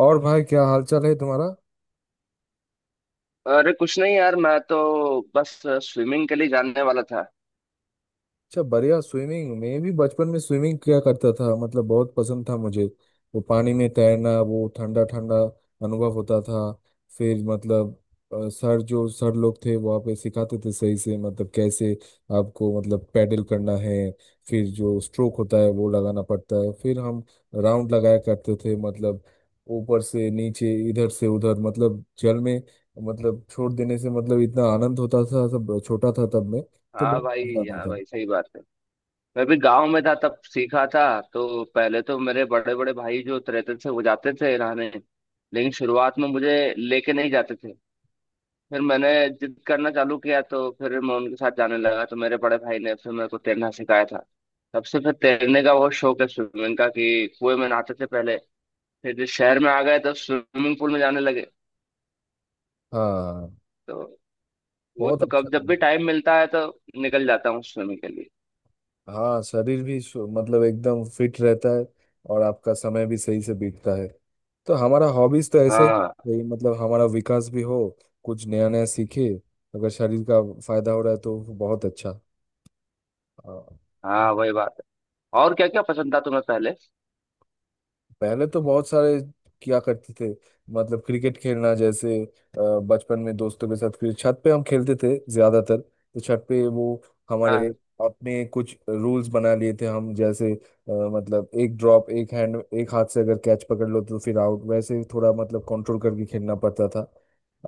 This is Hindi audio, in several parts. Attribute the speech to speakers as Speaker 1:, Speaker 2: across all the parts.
Speaker 1: और भाई क्या हाल चाल है तुम्हारा?
Speaker 2: अरे कुछ नहीं यार, मैं तो बस स्विमिंग के लिए जानने वाला था।
Speaker 1: अच्छा, बढ़िया। स्विमिंग मैं भी बचपन में स्विमिंग किया करता था, मतलब बहुत पसंद था मुझे। वो पानी में तैरना, वो ठंडा ठंडा अनुभव होता था। फिर मतलब सर जो सर लोग थे वहाँ पे सिखाते थे सही से, मतलब कैसे आपको मतलब पैडल करना है, फिर जो स्ट्रोक होता है वो लगाना पड़ता है। फिर हम राउंड लगाया करते थे, मतलब ऊपर से नीचे, इधर से उधर, मतलब जल में मतलब छोड़ देने से मतलब इतना आनंद होता था। सब छोटा था तब मैं, तो
Speaker 2: हाँ
Speaker 1: बहुत मजा
Speaker 2: भाई,
Speaker 1: आता
Speaker 2: हाँ
Speaker 1: था।
Speaker 2: भाई, सही बात है। मैं भी गांव में था तब सीखा था। तो पहले तो मेरे बड़े बड़े भाई जो तैरते थे वो जाते थे नहाने, लेकिन शुरुआत में मुझे लेके नहीं जाते थे। फिर मैंने जिद करना चालू किया तो फिर मैं उनके साथ जाने लगा, तो मेरे बड़े भाई ने फिर मेरे को तैरना सिखाया था। तब से फिर तैरने का बहुत शौक है स्विमिंग का, कि कुएं में नहाते थे पहले, फिर जब शहर में आ गए तो स्विमिंग पूल में जाने लगे।
Speaker 1: हाँ।
Speaker 2: तो वो
Speaker 1: बहुत
Speaker 2: तो
Speaker 1: अच्छा।
Speaker 2: कब जब भी टाइम मिलता है तो निकल जाता हूँ स्विमिंग के लिए।
Speaker 1: हाँ, शरीर भी मतलब एकदम फिट रहता है, और आपका समय भी सही से बीतता है। तो हमारा हॉबीज तो ऐसे
Speaker 2: हाँ
Speaker 1: ही मतलब हमारा विकास भी हो, कुछ नया नया सीखे। अगर शरीर का फायदा हो रहा है तो बहुत अच्छा। हाँ।
Speaker 2: हाँ, वही बात है। और क्या क्या पसंद था तुम्हें पहले?
Speaker 1: पहले तो बहुत सारे किया करते थे, मतलब क्रिकेट खेलना जैसे, बचपन में दोस्तों के साथ फिर छत पे हम खेलते थे ज्यादातर। तो छत पे वो हमारे
Speaker 2: हाँ
Speaker 1: अपने कुछ रूल्स बना लिए थे हम, जैसे मतलब एक ड्रॉप, एक हैंड, एक हाथ से अगर कैच पकड़ लो तो फिर आउट। वैसे थोड़ा मतलब कंट्रोल करके खेलना पड़ता था,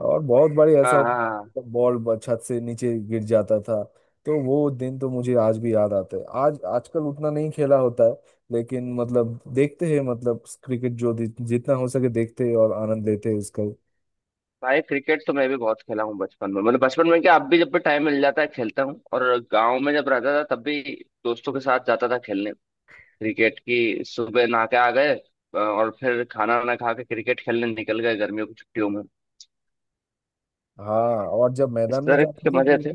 Speaker 1: और बहुत बार ऐसा
Speaker 2: हाँ हाँ
Speaker 1: होता
Speaker 2: हाँ।
Speaker 1: था, बॉल छत से नीचे गिर जाता था। तो वो दिन तो मुझे आज भी याद आता है। आज आजकल उतना नहीं खेला होता है, लेकिन मतलब देखते हैं, मतलब क्रिकेट जो जितना हो सके देखते हैं और आनंद लेते हैं उसका।
Speaker 2: भाई क्रिकेट तो मैं भी बहुत खेला हूँ बचपन में, मतलब बचपन में क्या, अब भी जब भी टाइम मिल जाता है खेलता हूँ। और गांव में जब रहता था तब भी दोस्तों के साथ जाता था खेलने। क्रिकेट की, सुबह नहा के आ गए और फिर खाना वाना खा के क्रिकेट खेलने निकल गए गर्मियों की छुट्टियों में।
Speaker 1: हाँ, और जब
Speaker 2: इस
Speaker 1: मैदान में
Speaker 2: तरह
Speaker 1: जाते
Speaker 2: के
Speaker 1: थे
Speaker 2: मजे
Speaker 1: तो
Speaker 2: थे।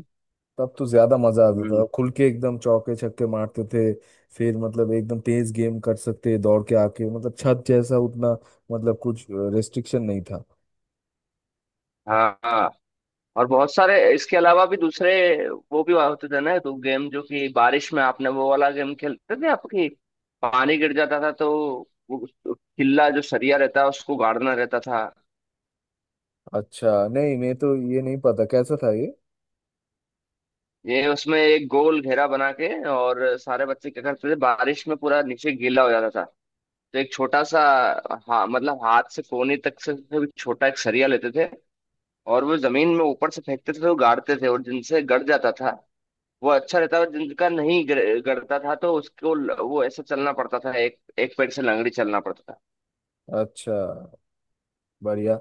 Speaker 1: तब तो ज्यादा मजा आता
Speaker 2: हम्म।
Speaker 1: था, खुल के एकदम चौके छक्के मारते थे। फिर मतलब एकदम तेज गेम कर सकते, दौड़ के आके, मतलब छत जैसा उतना मतलब कुछ रेस्ट्रिक्शन नहीं था।
Speaker 2: हाँ हाँ। और बहुत सारे इसके अलावा भी दूसरे वो भी होते थे ना, तो गेम जो कि बारिश में आपने वो वाला गेम खेलते थे, आपकी पानी गिर जाता था तो वो किल्ला जो सरिया रहता है उसको गाड़ना रहता था।
Speaker 1: अच्छा, नहीं मैं तो ये नहीं पता कैसा था ये।
Speaker 2: ये उसमें एक गोल घेरा बना के और सारे बच्चे क्या करते थे, बारिश में पूरा नीचे गीला हो जाता था, तो एक छोटा सा, हाँ मतलब हाथ से कोहनी तक से भी छोटा, एक सरिया लेते थे और वो जमीन में ऊपर से फेंकते थे तो गाड़ते थे, और जिनसे गड़ जाता था वो अच्छा रहता है, जिनका नहीं गड़ता था तो उसको वो ऐसे चलना पड़ता था, एक एक पैर से लंगड़ी चलना पड़ता था।
Speaker 1: अच्छा, बढ़िया।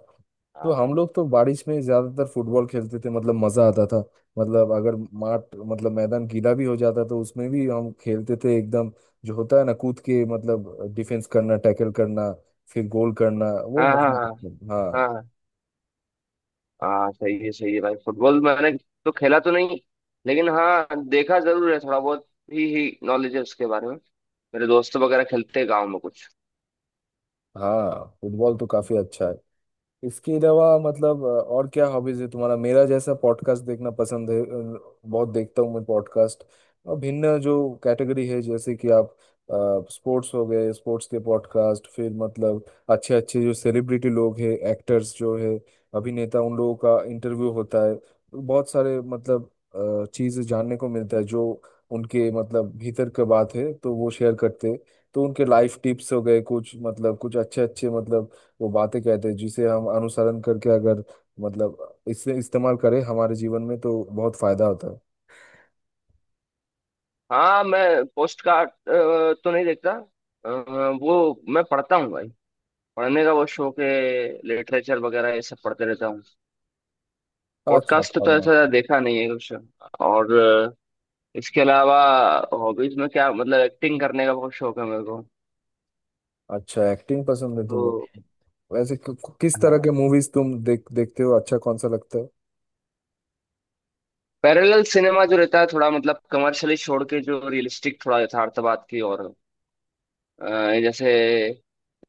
Speaker 1: तो
Speaker 2: हाँ
Speaker 1: हम लोग तो बारिश में ज्यादातर फुटबॉल खेलते थे, मतलब मजा आता था। मतलब अगर माठ मतलब मैदान गीला भी हो जाता तो उसमें भी हम खेलते थे एकदम। जो होता है ना, कूद के मतलब डिफेंस करना, टैकल करना, फिर गोल करना, वो
Speaker 2: हाँ हाँ
Speaker 1: मजा आता था। हाँ।
Speaker 2: हाँ हाँ हाँ, सही है, सही है भाई। फुटबॉल मैंने तो खेला तो नहीं, लेकिन हाँ देखा जरूर है, थोड़ा बहुत ही नॉलेज है उसके बारे में। मेरे दोस्त वगैरह खेलते हैं गाँव में कुछ।
Speaker 1: हाँ, फुटबॉल तो काफी अच्छा है। इसके अलावा मतलब और क्या हॉबीज है तुम्हारा? मेरा जैसा पॉडकास्ट देखना पसंद है। बहुत देखता हूँ मैं पॉडकास्ट, और भिन्न जो कैटेगरी है, जैसे कि आप स्पोर्ट्स हो गए, स्पोर्ट्स के पॉडकास्ट, फिर मतलब अच्छे अच्छे जो सेलिब्रिटी लोग हैं, एक्टर्स जो है अभिनेता, उन लोगों का इंटरव्यू होता है। बहुत सारे मतलब चीज़ें जानने को मिलता है, जो उनके मतलब भीतर का बात है तो वो शेयर करते हैं। तो उनके लाइफ टिप्स हो गए, कुछ मतलब कुछ अच्छे अच्छे मतलब वो बातें कहते हैं जिसे हम अनुसरण करके, अगर मतलब इसे इस्तेमाल करें हमारे जीवन में, तो बहुत फायदा होता है।
Speaker 2: हाँ मैं पोस्ट कार्ड तो नहीं देखता। अ, वो मैं पढ़ता हूँ भाई। पढ़ने का वो शौक है। लिटरेचर वगैरह ये सब पढ़ते रहता हूँ।
Speaker 1: अच्छा,
Speaker 2: पॉडकास्ट तो
Speaker 1: पढ़ना।
Speaker 2: ऐसा देखा नहीं है कुछ। और इसके अलावा हॉबीज में क्या, मतलब एक्टिंग करने का बहुत शौक है मेरे को।
Speaker 1: अच्छा, एक्टिंग पसंद है तुम्हें?
Speaker 2: तो
Speaker 1: वैसे किस तरह
Speaker 2: हाँ,
Speaker 1: के मूवीज तुम देखते हो, अच्छा कौन सा लगता है?
Speaker 2: पैरेलल सिनेमा जो रहता है थोड़ा, मतलब कमर्शियली छोड़ के जो रियलिस्टिक, थोड़ा यथार्थवाद की और, अ, जैसे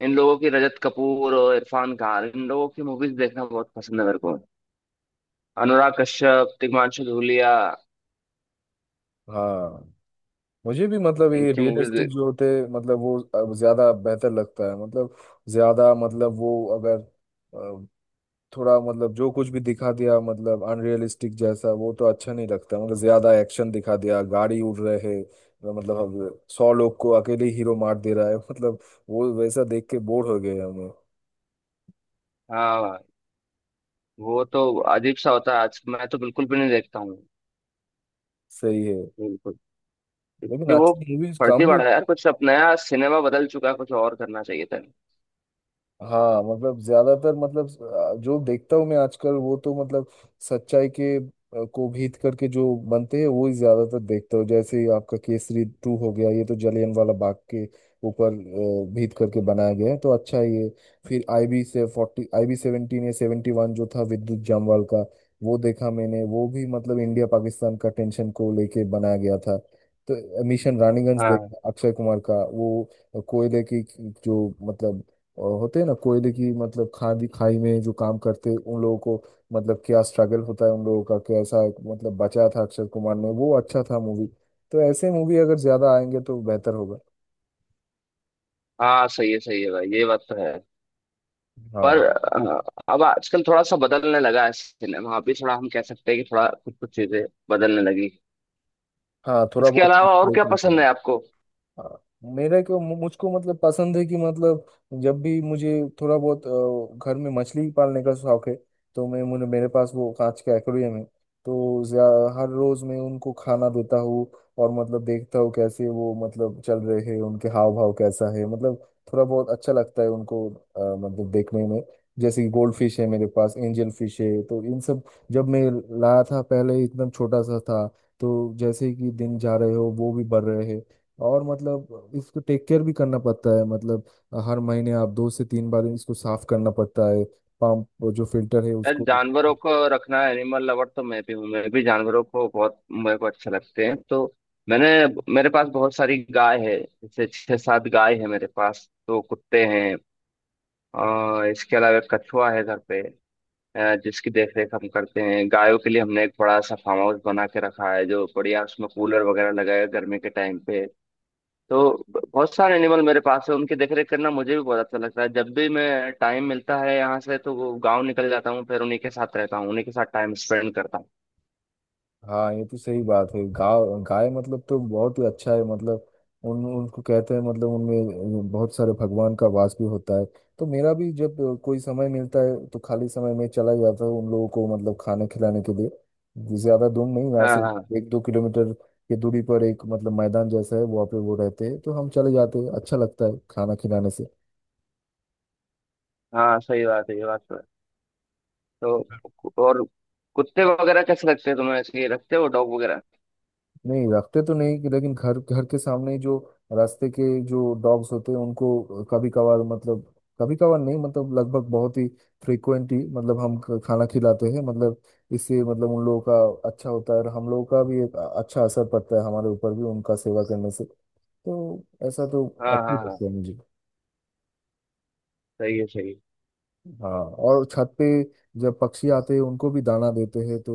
Speaker 2: इन लोगों की रजत कपूर और इरफान खान, इन लोगों की मूवीज देखना बहुत पसंद है मेरे को। अनुराग कश्यप, तिग्मांशु धूलिया,
Speaker 1: हाँ, मुझे भी मतलब ये
Speaker 2: इनकी मूवीज।
Speaker 1: रियलिस्टिक जो होते हैं, मतलब वो अब ज्यादा बेहतर लगता है। मतलब ज्यादा मतलब वो अगर थोड़ा मतलब जो कुछ भी दिखा दिया मतलब अनरियलिस्टिक जैसा, वो तो अच्छा नहीं लगता। मतलब ज्यादा एक्शन दिखा दिया, गाड़ी उड़ रहे है, मतलब अब 100 लोग को अकेले हीरो मार दे रहा है मतलब वो वैसा देख के बोर हो गए हमें।
Speaker 2: हाँ भाई, वो तो अजीब सा होता है, आज मैं तो बिल्कुल भी नहीं देखता हूँ।
Speaker 1: सही है।
Speaker 2: बिल्कुल।
Speaker 1: लेकिन
Speaker 2: क्योंकि वो
Speaker 1: अच्छी मूवीज
Speaker 2: फर्जी
Speaker 1: कम भी।
Speaker 2: पड़ा है यार कुछ, अब नया सिनेमा बदल चुका है, कुछ और करना चाहिए था।
Speaker 1: हाँ, मतलब ज्यादातर मतलब जो देखता हूँ मैं आजकल वो तो मतलब सच्चाई के को भीत करके जो बनते हैं वो ही ज्यादातर देखता हूँ। जैसे ये आपका केसरी टू हो गया, ये तो जलियन वाला बाग के ऊपर भीत करके बनाया गया है, तो अच्छा है ये। फिर IB से 40, IB 17 या 71 जो था विद्युत जामवाल का, वो देखा मैंने, वो भी मतलब इंडिया पाकिस्तान का टेंशन को लेके बनाया गया था। तो मिशन रानीगंज
Speaker 2: हाँ
Speaker 1: देखा अक्षय कुमार का, वो कोयले की जो मतलब और होते हैं ना, कोयले की मतलब खादी खाई में जो काम करते हैं, उन लोगों को मतलब क्या स्ट्रगल होता है उन लोगों का, कैसा मतलब बचा था अक्षय कुमार ने, वो अच्छा था मूवी। तो ऐसे मूवी अगर ज्यादा आएंगे तो बेहतर होगा।
Speaker 2: हाँ, सही है भाई, ये बात तो है।
Speaker 1: हाँ।
Speaker 2: पर अब आजकल थोड़ा सा बदलने लगा है सिनेमा, अभी थोड़ा हम कह सकते हैं कि थोड़ा कुछ कुछ चीजें बदलने लगी।
Speaker 1: हाँ, थोड़ा
Speaker 2: इसके
Speaker 1: बहुत
Speaker 2: अलावा और
Speaker 1: मतलब
Speaker 2: क्या पसंद है आपको?
Speaker 1: हाँ, मेरा क्यों मुझको मतलब पसंद है कि मतलब जब भी मुझे थोड़ा बहुत, घर में मछली पालने का शौक है। तो मैं मुझे मेरे पास वो कांच का एक्वेरियम है, तो हर रोज मैं उनको खाना देता हूँ, और मतलब देखता हूँ कैसे वो मतलब चल रहे हैं, उनके हाव भाव कैसा है मतलब। थोड़ा बहुत अच्छा लगता है उनको मतलब देखने में। जैसे कि गोल्ड फिश है मेरे पास, एंजल फिश है, तो इन सब जब मैं लाया था पहले, एकदम छोटा सा था। तो जैसे कि दिन जा रहे हो, वो भी बढ़ रहे हैं, और मतलब इसको टेक केयर भी करना पड़ता है। मतलब हर महीने आप 2 से 3 बार इसको साफ करना पड़ता है, पंप जो फिल्टर है
Speaker 2: यार
Speaker 1: उसको।
Speaker 2: जानवरों को रखना, एनिमल लवर तो मैं भी हूँ, मैं भी जानवरों को बहुत, मेरे को अच्छे लगते हैं, तो मैंने, मेरे पास बहुत सारी गाय है, जैसे छह सात गाय है मेरे पास, तो कुत्ते हैं और इसके अलावा एक कछुआ है घर पे, जिसकी देखरेख हम करते हैं। गायों के लिए हमने एक बड़ा सा फार्म हाउस बना के रखा है, जो बढ़िया, उसमें कूलर वगैरह लगाया है गर्मी के टाइम पे। तो बहुत सारे एनिमल मेरे पास है, उनकी देखरेख करना मुझे भी बहुत अच्छा लगता है। जब भी मैं टाइम मिलता है यहाँ से तो वो गाँव निकल जाता हूँ, फिर उन्हीं के साथ रहता हूँ, उन्हीं के साथ टाइम स्पेंड करता हूँ।
Speaker 1: हाँ, ये तो सही बात है। गाय गाय मतलब तो बहुत ही अच्छा है, मतलब उन उनको कहते हैं मतलब उनमें बहुत सारे भगवान का वास भी होता है। तो मेरा भी जब कोई समय मिलता है तो खाली समय में चला जाता हूँ, उन लोगों को मतलब खाना खिलाने के लिए, ज्यादा दूर नहीं यहाँ
Speaker 2: हाँ
Speaker 1: से,
Speaker 2: हाँ
Speaker 1: 1-2 किलोमीटर की दूरी पर एक मतलब मैदान जैसा है, वहाँ पे वो रहते हैं, तो हम चले जाते हैं। अच्छा लगता है खाना खिलाने से।
Speaker 2: हाँ, सही बात है, ये बात तो है। तो और कुत्ते वगैरह कैसे लगते हैं तुम्हें? ऐसे ही रखते हो डॉग वगैरह?
Speaker 1: नहीं, रखते तो नहीं, लेकिन घर, घर के सामने ही जो रास्ते के जो डॉग्स होते हैं उनको कभी कभार मतलब, कभी कभार नहीं मतलब लगभग बहुत ही फ्रिक्वेंटली मतलब हम खाना खिलाते हैं। मतलब इससे मतलब उन लोगों का अच्छा होता है, और हम लोगों का भी एक अच्छा असर पड़ता है हमारे ऊपर भी उनका सेवा करने से। तो ऐसा तो
Speaker 2: हाँ
Speaker 1: अच्छी
Speaker 2: हाँ हाँ
Speaker 1: लगता है मुझे।
Speaker 2: सही है
Speaker 1: हाँ, और छत पे जब पक्षी आते हैं उनको भी दाना देते हैं, तो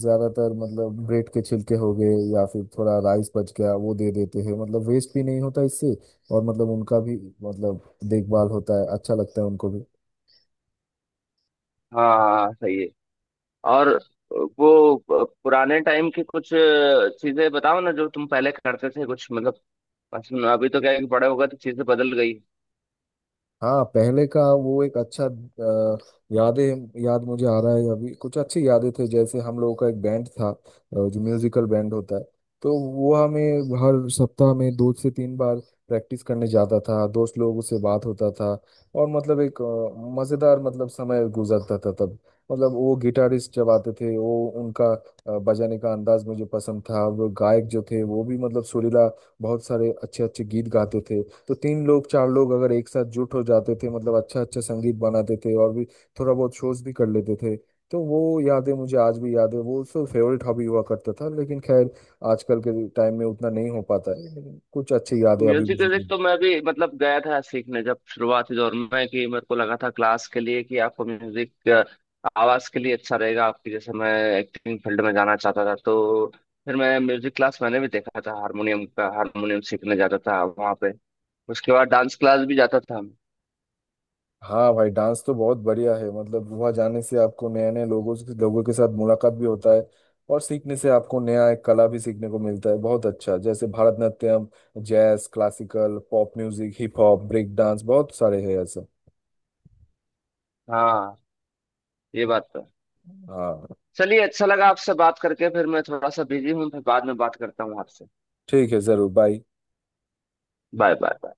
Speaker 1: ज्यादातर मतलब ब्रेड के छिलके हो गए या फिर थोड़ा राइस बच गया वो दे देते हैं, मतलब वेस्ट भी नहीं होता इससे, और मतलब उनका भी मतलब देखभाल होता है। अच्छा लगता है उनको भी।
Speaker 2: हाँ हाँ हाँ, सही है। और वो पुराने टाइम की कुछ चीजें बताओ ना, जो तुम पहले करते थे, कुछ मतलब अभी तो क्या है कि बड़े हो गए तो चीजें बदल गई।
Speaker 1: हाँ, पहले का वो एक अच्छा यादें, याद मुझे आ रहा है अभी कुछ अच्छी यादें थे। जैसे हम लोगों का एक बैंड था, जो म्यूजिकल बैंड होता है, तो वो हमें हर सप्ताह में 2 से 3 बार प्रैक्टिस करने जाता था, दोस्त लोगों से बात होता था, और मतलब एक मजेदार मतलब समय गुजरता था तब। मतलब वो गिटारिस्ट जब आते थे वो उनका बजाने का अंदाज मुझे पसंद था, वो गायक जो थे वो भी मतलब सुरीला बहुत सारे अच्छे अच्छे गीत गाते थे। तो तीन लोग, चार लोग अगर एक साथ जुट हो जाते थे, मतलब अच्छा अच्छा संगीत बनाते थे, और भी थोड़ा बहुत शोज भी कर लेते थे। तो वो यादें मुझे आज भी याद है, वो सब फेवरेट हॉबी हुआ करता था, लेकिन खैर, आजकल के टाइम में उतना नहीं हो पाता है, लेकिन कुछ अच्छी यादें अभी भी
Speaker 2: म्यूजिक व्यूजिक
Speaker 1: जुड़ी।
Speaker 2: तो मैं भी मतलब गया था सीखने, जब शुरुआती दौर में कि मेरे को लगा था क्लास के लिए कि आपको म्यूजिक आवाज के लिए अच्छा रहेगा आपकी। जैसे मैं एक्टिंग फील्ड में जाना चाहता था, तो फिर मैं म्यूजिक क्लास मैंने भी देखा था हारमोनियम का, हारमोनियम सीखने जाता था वहाँ पे। उसके बाद डांस क्लास भी जाता था।
Speaker 1: हाँ भाई, डांस तो बहुत बढ़िया है, मतलब वहाँ जाने से आपको नए नए लोगों से, लोगों के साथ मुलाकात भी होता है, और सीखने से आपको नया एक कला भी सीखने को मिलता है। बहुत अच्छा, जैसे Bharatanatyam, jazz, classical, pop music, hip hop, break dance, बहुत सारे हैं ऐसे।
Speaker 2: हाँ ये बात तो है।
Speaker 1: अ,
Speaker 2: चलिए अच्छा लगा आपसे बात करके, फिर मैं थोड़ा सा बिजी हूँ, फिर बाद में बात करता हूँ आपसे।
Speaker 1: ठीक है, जरूर। बाय।
Speaker 2: Bye bye bye.